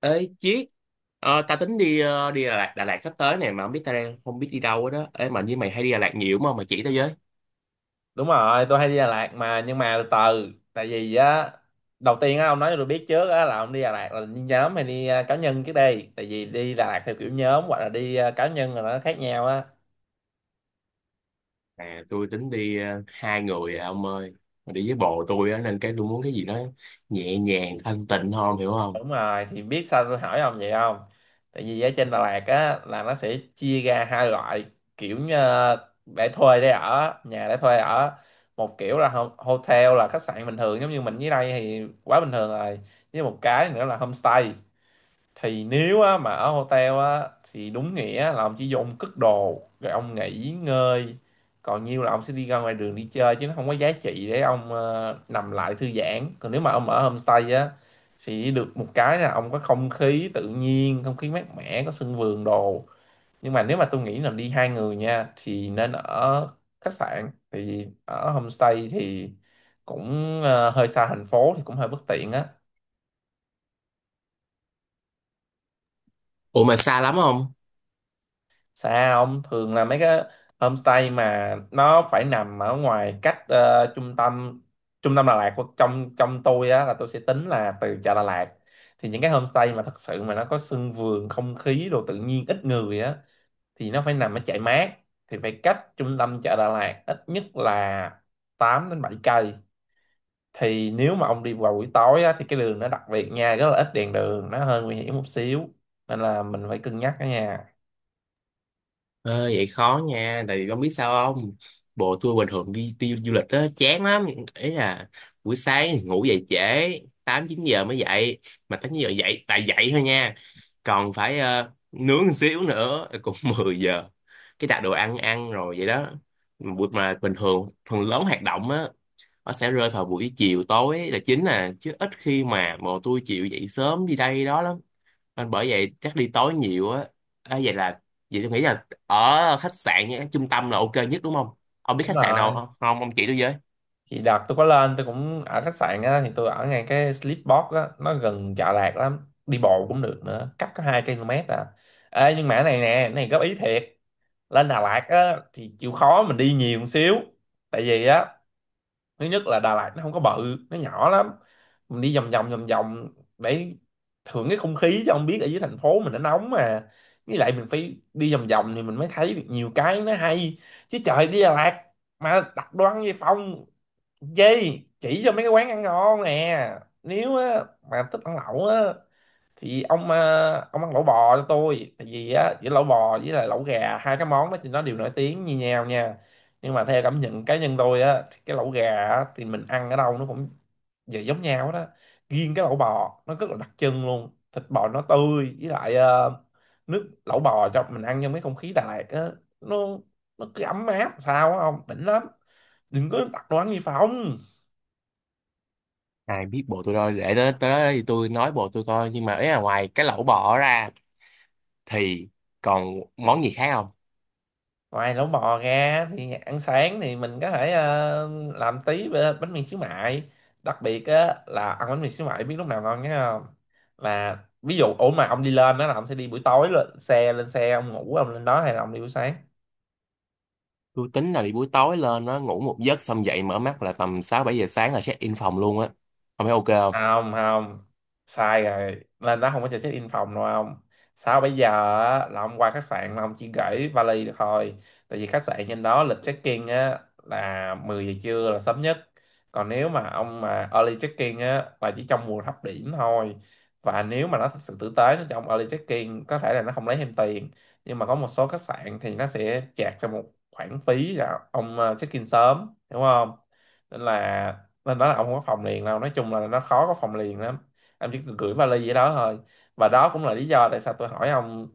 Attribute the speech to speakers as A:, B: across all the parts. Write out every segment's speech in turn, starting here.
A: Ê Chiết. Tao tính đi Đà Lạt sắp tới này mà không biết ta đang không biết đi đâu hết đó. Ê, mà như mày hay đi Đà Lạt nhiều mà mày chỉ tao với.
B: Đúng rồi, tôi hay đi Đà Lạt mà. Nhưng mà từ từ, tại vì á, đầu tiên á, ông nói cho tôi biết trước á, là ông đi Đà Lạt là đi nhóm hay đi cá nhân. Trước đây tại vì đi Đà Lạt theo kiểu nhóm hoặc là đi cá nhân là nó khác nhau á.
A: À, tôi tính đi hai người à, ông ơi. Mà đi với bồ tôi á nên cái tôi muốn cái gì đó nhẹ nhàng thanh tịnh hơn, hiểu không?
B: Đúng rồi thì biết sao tôi hỏi ông vậy không? Tại vì ở trên Đà Lạt á là nó sẽ chia ra hai loại, kiểu như để thuê, để ở, nhà để thuê ở. Một kiểu là hotel là khách sạn bình thường, giống như mình dưới đây thì quá bình thường rồi. Với một cái nữa là homestay. Thì nếu á, mà ở hotel á thì đúng nghĩa là ông chỉ vô ông cất đồ rồi ông nghỉ ngơi, còn nhiêu là ông sẽ đi ra ngoài đường đi chơi, chứ nó không có giá trị để ông nằm lại thư giãn. Còn nếu mà ông ở homestay á thì được một cái là ông có không khí tự nhiên, không khí mát mẻ, có sân vườn đồ. Nhưng mà nếu mà tôi nghĩ là đi hai người nha thì nên ở khách sạn. Thì ở homestay thì cũng hơi xa thành phố thì cũng hơi bất tiện á.
A: Ủa, mà xa lắm không?
B: Xa, ông, thường là mấy cái homestay mà nó phải nằm ở ngoài, cách trung tâm, trung tâm Đà Lạt, của trong trong tôi á là tôi sẽ tính là từ chợ Đà Lạt. Thì những cái homestay mà thật sự mà nó có sân vườn, không khí đồ tự nhiên, ít người á, thì nó phải nằm ở chạy mát. Thì phải cách trung tâm chợ Đà Lạt ít nhất là 8 đến 7 cây. Thì nếu mà ông đi vào buổi tối á, thì cái đường nó đặc biệt nha, rất là ít đèn đường, nó hơi nguy hiểm một xíu, nên là mình phải cân nhắc đó nha.
A: Ờ, vậy khó nha, tại vì con biết sao không? Bộ tour bình thường đi đi du lịch đó chán lắm, ý là buổi sáng ngủ dậy trễ, 8 9 giờ mới dậy, mà 8 9 giờ dậy tại dậy thôi nha. Còn phải nướng một xíu nữa cũng 10 giờ. Cái đặt đồ ăn ăn rồi vậy đó. Buổi mà bình thường phần lớn hoạt động á, nó sẽ rơi vào buổi chiều tối là chính à, chứ ít khi mà bộ tôi chịu dậy sớm đi đây đó lắm, nên bởi vậy chắc đi tối nhiều á. À, vậy tôi nghĩ là ở khách sạn nhé, trung tâm là ok nhất đúng không? Ông biết
B: Đúng
A: khách sạn nào
B: rồi,
A: không không? Ông chỉ tôi với.
B: thì đợt tôi có lên tôi cũng ở khách sạn á, thì tôi ở ngay cái Sleepbox á, nó gần Chợ Lạc lắm, đi bộ cũng được nữa, cách có 2 km à. Ê, nhưng mà cái này nè, cái này góp ý thiệt, lên Đà Lạt á thì chịu khó mình đi nhiều một xíu. Tại vì á, thứ nhất là Đà Lạt nó không có bự, nó nhỏ lắm, mình đi vòng vòng vòng vòng để thưởng cái không khí, chứ không biết ở dưới thành phố mình nó nóng mà. Với lại mình phải đi vòng vòng thì mình mới thấy được nhiều cái nó hay, chứ trời đi Đà Lạt mà đặt đồ ăn về phòng gì. Chỉ cho mấy cái quán ăn ngon nè, nếu á, mà thích ăn lẩu á thì ông ông ăn lẩu bò cho tôi. Tại vì á, giữa lẩu bò với lại lẩu gà, hai cái món đó thì nó đều nổi tiếng như nhau nha, nhưng mà theo cảm nhận cá nhân tôi á thì cái lẩu gà á, thì mình ăn ở đâu nó cũng về giống nhau đó. Riêng cái lẩu bò nó rất là đặc trưng luôn, thịt bò nó tươi với lại nước lẩu bò, cho mình ăn trong cái không khí Đà Lạt á, nó nó cứ ấm áp sao á, ông, đỉnh lắm. Đừng có đặt đồ ăn gì phòng.
A: Ai biết bộ tôi đâu, để tới tới đó thì tôi nói bộ tôi coi, nhưng mà ấy là ngoài cái lẩu bò ra thì còn món gì khác không?
B: Ngoài lẩu bò ra thì ăn sáng thì mình có thể làm tí bánh mì xíu mại. Đặc biệt á, là ăn bánh mì xíu mại biết lúc nào ngon nhé không? Là ví dụ, ủa mà ông đi lên đó là ông sẽ đi buổi tối, lên xe, lên xe ông ngủ, ông lên đó, hay là ông đi buổi sáng?
A: Tôi tính là đi buổi tối lên, nó ngủ một giấc xong dậy mở mắt là tầm 6 7 giờ sáng là check in phòng luôn á. Ông thấy ok
B: Không, không, sai rồi, lên đó không có cho check in phòng đâu ông. Sao bây giờ? Á, là ông qua khách sạn mà ông chỉ gửi vali được thôi. Tại vì khách sạn trên đó lịch check in á là 10 giờ trưa là sớm nhất. Còn nếu mà ông mà early check in á là chỉ trong mùa thấp điểm thôi, và nếu mà nó thật sự tử tế nó cho ông early check in, có thể là nó không lấy thêm tiền. Nhưng mà có một số khách sạn thì nó sẽ chạc cho một khoản phí là ông check in sớm, đúng không? Nên là, nên đó là ông không có phòng liền đâu, nói chung là nó khó có phòng liền lắm, em chỉ cần gửi vali vậy đó thôi. Và đó cũng là lý do tại sao tôi hỏi ông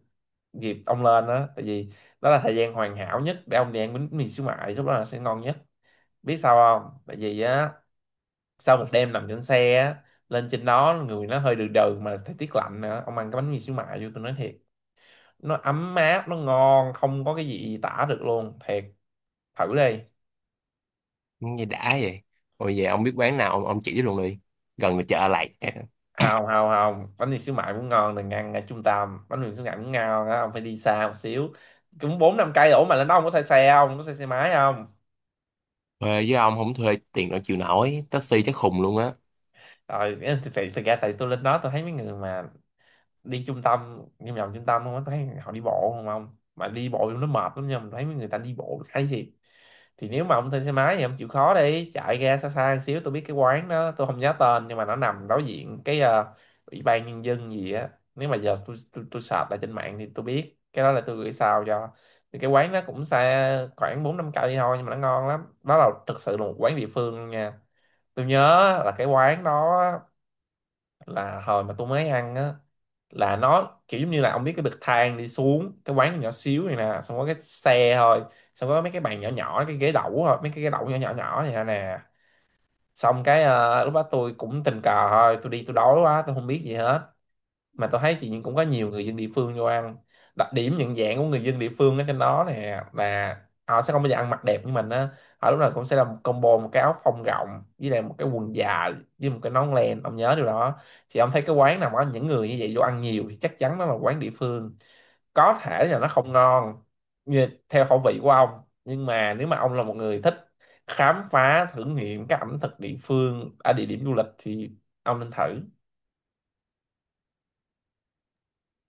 B: dịp ông lên đó, tại vì đó là thời gian hoàn hảo nhất để ông đi ăn bánh mì xíu mại, lúc đó là sẽ ngon nhất. Biết sao không? Tại vì á, sau một đêm nằm trên xe á, lên trên đó người nó hơi đừ đừ, mà thời tiết lạnh nữa, ông ăn cái bánh mì xíu mại vô, tôi nói thiệt, nó ấm áp, nó ngon không có cái gì tả được luôn, thiệt, thử đi.
A: không? Nghe đã vậy. Rồi về ông biết quán nào ông chỉ tôi luôn đi, gần là chợ lạch.
B: Không, không, không, bánh mì xíu mại cũng ngon, đừng ăn ở trung tâm, bánh mì xíu mại cũng ngon á, ông phải đi xa một xíu, cũng 4 5 cây. Ủa mà lên đó ông có thuê xe không, có thuê xe máy không?
A: Thuê với ông, không thuê tiền đâu chịu nổi, taxi chắc khùng luôn á.
B: Rồi thì thật ra tại tôi lên đó tôi thấy mấy người mà đi trung tâm, đi vòng trung tâm, không thấy họ đi bộ không, ông mà đi bộ nó mệt lắm nha, mình thấy mấy người ta đi bộ thấy thiệt. Thì nếu mà ông thuê xe máy thì ông chịu khó đi chạy ra xa xa một xíu, tôi biết cái quán đó, tôi không nhớ tên nhưng mà nó nằm đối diện cái ủy ban nhân dân gì á. Nếu mà giờ tôi search lại trên mạng thì tôi biết cái đó, là tôi gửi sao cho. Thì cái quán nó cũng xa khoảng 4 5 cây thôi, nhưng mà nó ngon lắm, đó là thực sự là một quán địa phương luôn nha. Tôi nhớ là cái quán đó, là hồi mà tôi mới ăn á, là nó kiểu giống như là ông biết, cái bậc thang đi xuống cái quán nhỏ xíu này nè, xong có cái xe thôi, xong có mấy cái bàn nhỏ nhỏ, cái ghế đẩu thôi, mấy cái ghế đẩu nhỏ nhỏ nhỏ này nè nè. Xong cái lúc đó tôi cũng tình cờ thôi, tôi đi tôi đói quá, tôi không biết gì hết, mà tôi thấy thì cũng có nhiều người dân địa phương vô ăn. Đặc điểm nhận dạng của người dân địa phương ở trên đó nè, là họ sẽ không bao giờ ăn mặc đẹp như mình á, họ lúc nào cũng sẽ là một combo, một cái áo phông rộng với lại một cái quần dài, với một cái nón len, ông nhớ điều đó. Thì ông thấy cái quán nào mà có những người như vậy vô ăn nhiều thì chắc chắn nó là quán địa phương. Có thể là nó không ngon như theo khẩu vị của ông, nhưng mà nếu mà ông là một người thích khám phá, thử nghiệm các ẩm thực địa phương ở địa điểm du lịch thì ông nên thử.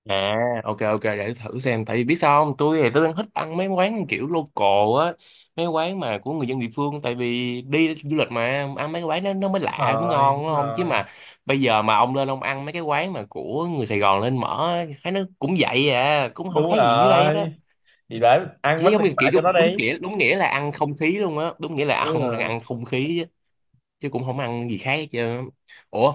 A: À, ok, ok, để thử xem. Tại vì biết sao không, tôi thì tôi đang thích ăn mấy quán kiểu local á, mấy quán mà của người dân địa phương, tại vì đi du lịch mà ăn mấy cái quán nó mới
B: Đúng
A: lạ mới
B: rồi,
A: ngon đúng
B: đúng
A: không, chứ
B: rồi.
A: mà bây giờ mà ông lên ông ăn mấy cái quán mà của người Sài Gòn lên mở á, thấy nó cũng vậy à, cũng không
B: Đúng
A: khác gì dưới đây đó.
B: rồi. Thì để ăn
A: Chỉ
B: bánh
A: giống
B: mì
A: như
B: xoài
A: kiểu
B: cho nó
A: đúng, đúng
B: đi.
A: nghĩa đúng nghĩa là ăn không khí luôn á, đúng nghĩa là
B: Đúng
A: ông đang ăn
B: rồi.
A: không khí chứ, chứ cũng không ăn gì khác hết trơn á. Ủa,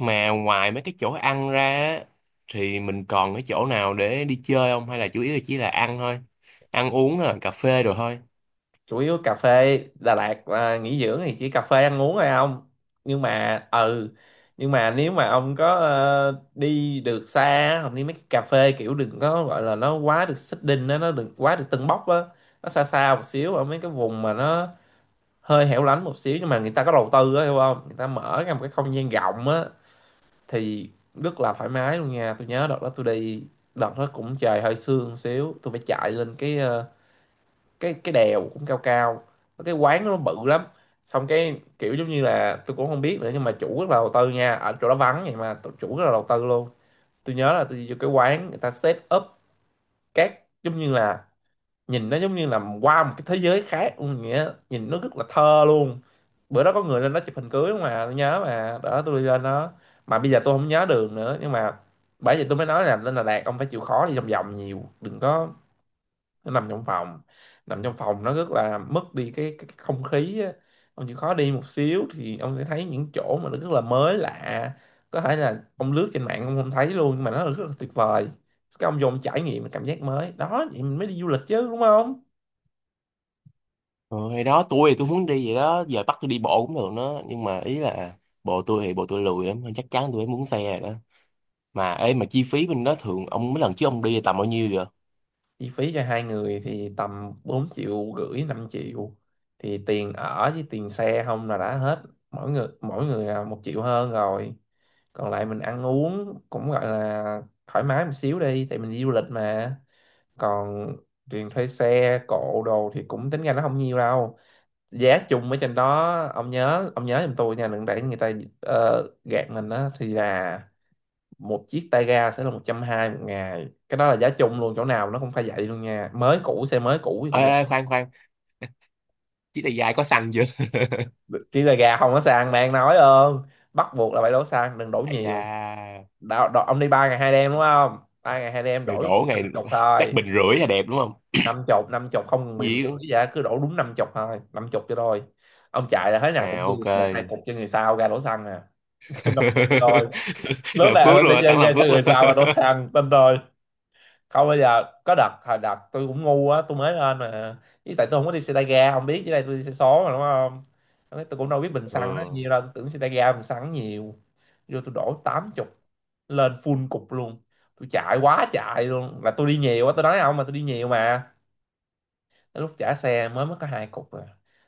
A: mà ngoài mấy cái chỗ ăn ra á, thì mình còn cái chỗ nào để đi chơi không? Hay là chủ yếu là chỉ là ăn thôi? Ăn uống là cà phê rồi thôi.
B: Chủ yếu cà phê Đà Lạt à, nghỉ dưỡng thì chỉ cà phê ăn uống thôi ông. Nhưng mà ừ nhưng mà nếu mà ông có đi được xa, không đi mấy cái cà phê kiểu đừng có gọi là nó quá được xích đinh á, nó đừng quá được tưng bốc á. Nó xa xa một xíu ở mấy cái vùng mà nó hơi hẻo lánh một xíu, nhưng mà người ta có đầu tư á, hiểu không, người ta mở ra một cái không gian rộng á thì rất là thoải mái luôn nha. Tôi nhớ đợt đó tôi đi, đợt đó cũng trời hơi sương xíu, tôi phải chạy lên cái ờ, cái đèo cũng cao cao. Có cái quán đó nó bự lắm, xong cái kiểu giống như là tôi cũng không biết nữa, nhưng mà chủ rất là đầu tư nha, ở chỗ đó vắng vậy mà chủ rất là đầu tư luôn. Tôi nhớ là tôi đi vô cái quán, người ta set up các giống như là nhìn nó giống như là qua một cái thế giới khác luôn, nghĩa nhìn nó rất là thơ luôn. Bữa đó có người lên đó chụp hình cưới mà, tôi nhớ mà đó, tôi đi lên đó mà bây giờ tôi không nhớ đường nữa. Nhưng mà bởi vậy tôi mới nói là lên Đà Lạt ông phải chịu khó đi vòng vòng nhiều, đừng có nằm trong phòng. Nằm trong phòng nó rất là mất đi cái không khí á. Ông chịu khó đi một xíu thì ông sẽ thấy những chỗ mà nó rất là mới lạ, có thể là ông lướt trên mạng ông không thấy luôn nhưng mà nó rất là tuyệt vời. Cái ông vô ông trải nghiệm cái cảm giác mới đó, vậy mình mới đi du lịch chứ đúng không?
A: Ờ, hay đó, tôi thì tôi muốn đi vậy đó, giờ bắt tôi đi bộ cũng được đó. Nhưng mà ý là bộ tôi thì bộ tôi lười lắm, chắc chắn tôi phải muốn xe rồi đó. Mà ê, mà chi phí bên đó thường ông mấy lần trước ông đi tầm bao nhiêu vậy?
B: Chi phí cho hai người thì tầm 4,5 triệu, 5 triệu, thì tiền ở với tiền xe không là đã hết. Mỗi người là 1 triệu hơn rồi, còn lại mình ăn uống cũng gọi là thoải mái một xíu đi, tại mình đi du lịch mà. Còn tiền thuê xe cộ đồ thì cũng tính ra nó không nhiều đâu. Giá chung ở trên đó, ông nhớ giùm tôi nha, đừng để người ta gạt mình đó, thì là một chiếc tay ga sẽ là 120 một ngày, cái đó là giá chung luôn, chỗ nào nó cũng phải vậy luôn nha, mới cũ xe mới cũ thì
A: Ê,
B: cũng
A: ê,
B: vậy.
A: khoan khoan, chiếc này dài có xăng chưa?
B: Chỉ là gà không có xăng bạn nói ơn, bắt buộc là phải đổ xăng, đừng đổ
A: Đại
B: nhiều.
A: gia.
B: Đo, đo, Ông đi 3 ngày 2 đêm đúng không, 3 ngày 2 đêm đổ cho
A: Đổ
B: tôi
A: ngày
B: năm chục
A: chắc
B: thôi.
A: bình rưỡi là đẹp đúng không?
B: Năm chục không ngừng bình rưỡi,
A: Gì?
B: vậy cứ đổ đúng năm chục thôi, năm chục cho thôi. Ông chạy là thế nào cũng
A: À,
B: dư
A: ok.
B: một hai cục cho người sau ra đổ xăng nè. Năm chục cho thôi. Lớn
A: Là
B: nào
A: phước
B: hơn sẽ
A: luôn hả,
B: dư
A: sẵn
B: ra
A: làm
B: cho
A: phước luôn
B: người sau ra đổ xăng tin rồi. Không, bây giờ có đợt hồi đợt tôi cũng ngu á, tôi mới lên mà, với tại tôi không có đi xe tay ga không biết, với đây tôi đi xe số mà đúng không. Lúc ấy tôi cũng đâu biết bình
A: ừ.
B: xăng nó nhiều đâu, tôi tưởng xe tay ga bình xăng nhiều, vô tôi đổ 80 lên full cục luôn. Tôi chạy quá chạy luôn, là tôi đi nhiều á, tôi nói không mà tôi đi nhiều mà. Tới lúc trả xe mới mất có hai cục rồi,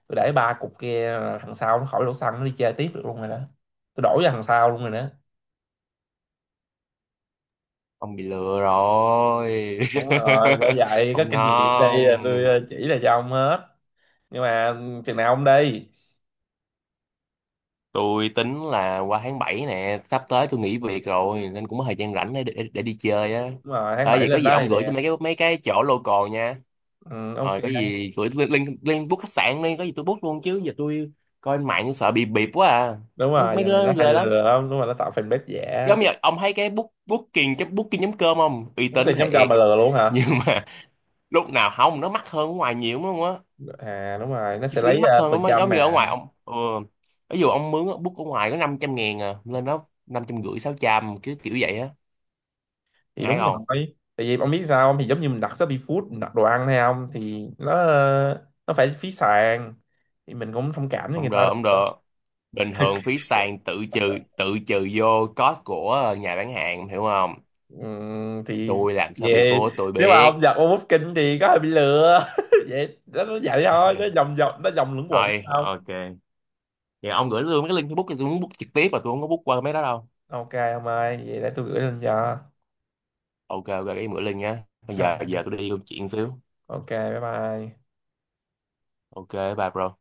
B: tôi để ba cục kia là thằng sau nó khỏi đổ xăng, nó đi chơi tiếp được luôn rồi đó, tôi đổ cho thằng sau luôn rồi đó.
A: Ông bị lừa rồi.
B: Đúng rồi, bởi vậy có
A: Ông
B: kinh nghiệm đây
A: non.
B: là tôi chỉ là cho ông hết. Nhưng mà chừng nào ông đi?
A: Tôi tính là qua tháng 7 nè, sắp tới tôi nghỉ việc rồi nên cũng có thời gian rảnh để đi chơi á.
B: Đúng rồi, tháng
A: À,
B: 7
A: vậy có
B: lên
A: gì
B: đó
A: ông
B: thì
A: gửi
B: đẹp.
A: tôi mấy cái chỗ local nha.
B: Ừ, ok.
A: Rồi có gì gửi lên lên lên book khách sạn đi, có gì tôi book luôn, chứ giờ tôi coi trên mạng sợ bị bịp quá à.
B: Đúng
A: mấy
B: rồi,
A: mấy
B: giờ này
A: đứa
B: nó
A: nó
B: hay
A: ghê lắm.
B: lừa lắm, đúng rồi, nó tạo fanpage giả.
A: Giống như ông thấy cái booking.com không uy
B: Có
A: tín
B: tiền chấm cơm
A: thiệt,
B: mà lừa luôn hả?
A: nhưng mà lúc nào không nó mắc hơn ở ngoài nhiều đúng không á?
B: À đúng rồi, nó
A: Chi
B: sẽ
A: phí
B: lấy
A: mắc hơn
B: phần
A: lắm á,
B: trăm
A: giống như
B: mà.
A: ở ngoài ông ví dụ ông mướn á, book ở ngoài có 500.000 à, lên đó 550.000 sáu trăm cứ kiểu vậy á.
B: Thì
A: Ai
B: đúng rồi.
A: không?
B: Tại vì ông biết sao không, thì giống như mình đặt Shopee Food mình đặt đồ ăn hay không, thì nó phải phí sàn, thì mình cũng thông cảm với người
A: Không
B: ta
A: được, không
B: được.
A: được. Bình thường phí sàn tự trừ vô cost của nhà bán hàng, hiểu không?
B: Thì
A: Tôi làm sao bị
B: về,
A: phố tôi
B: nếu mà ông
A: biết.
B: giật ông bút thì có hơi bị lừa vậy đó, nó vậy thôi, nó vòng vòng, nó vòng luẩn quẩn.
A: Thôi ok. Vậy ông gửi luôn cái link Facebook, thì tôi muốn book trực tiếp mà tôi không có book qua mấy đó đâu.
B: Ok ông ơi, vậy để tôi gửi lên cho.
A: Ok, ok, cái bữa Linh nhá, bây giờ giờ tôi đi công chuyện xíu.
B: Ok, bye bye.
A: Ok, bye bro.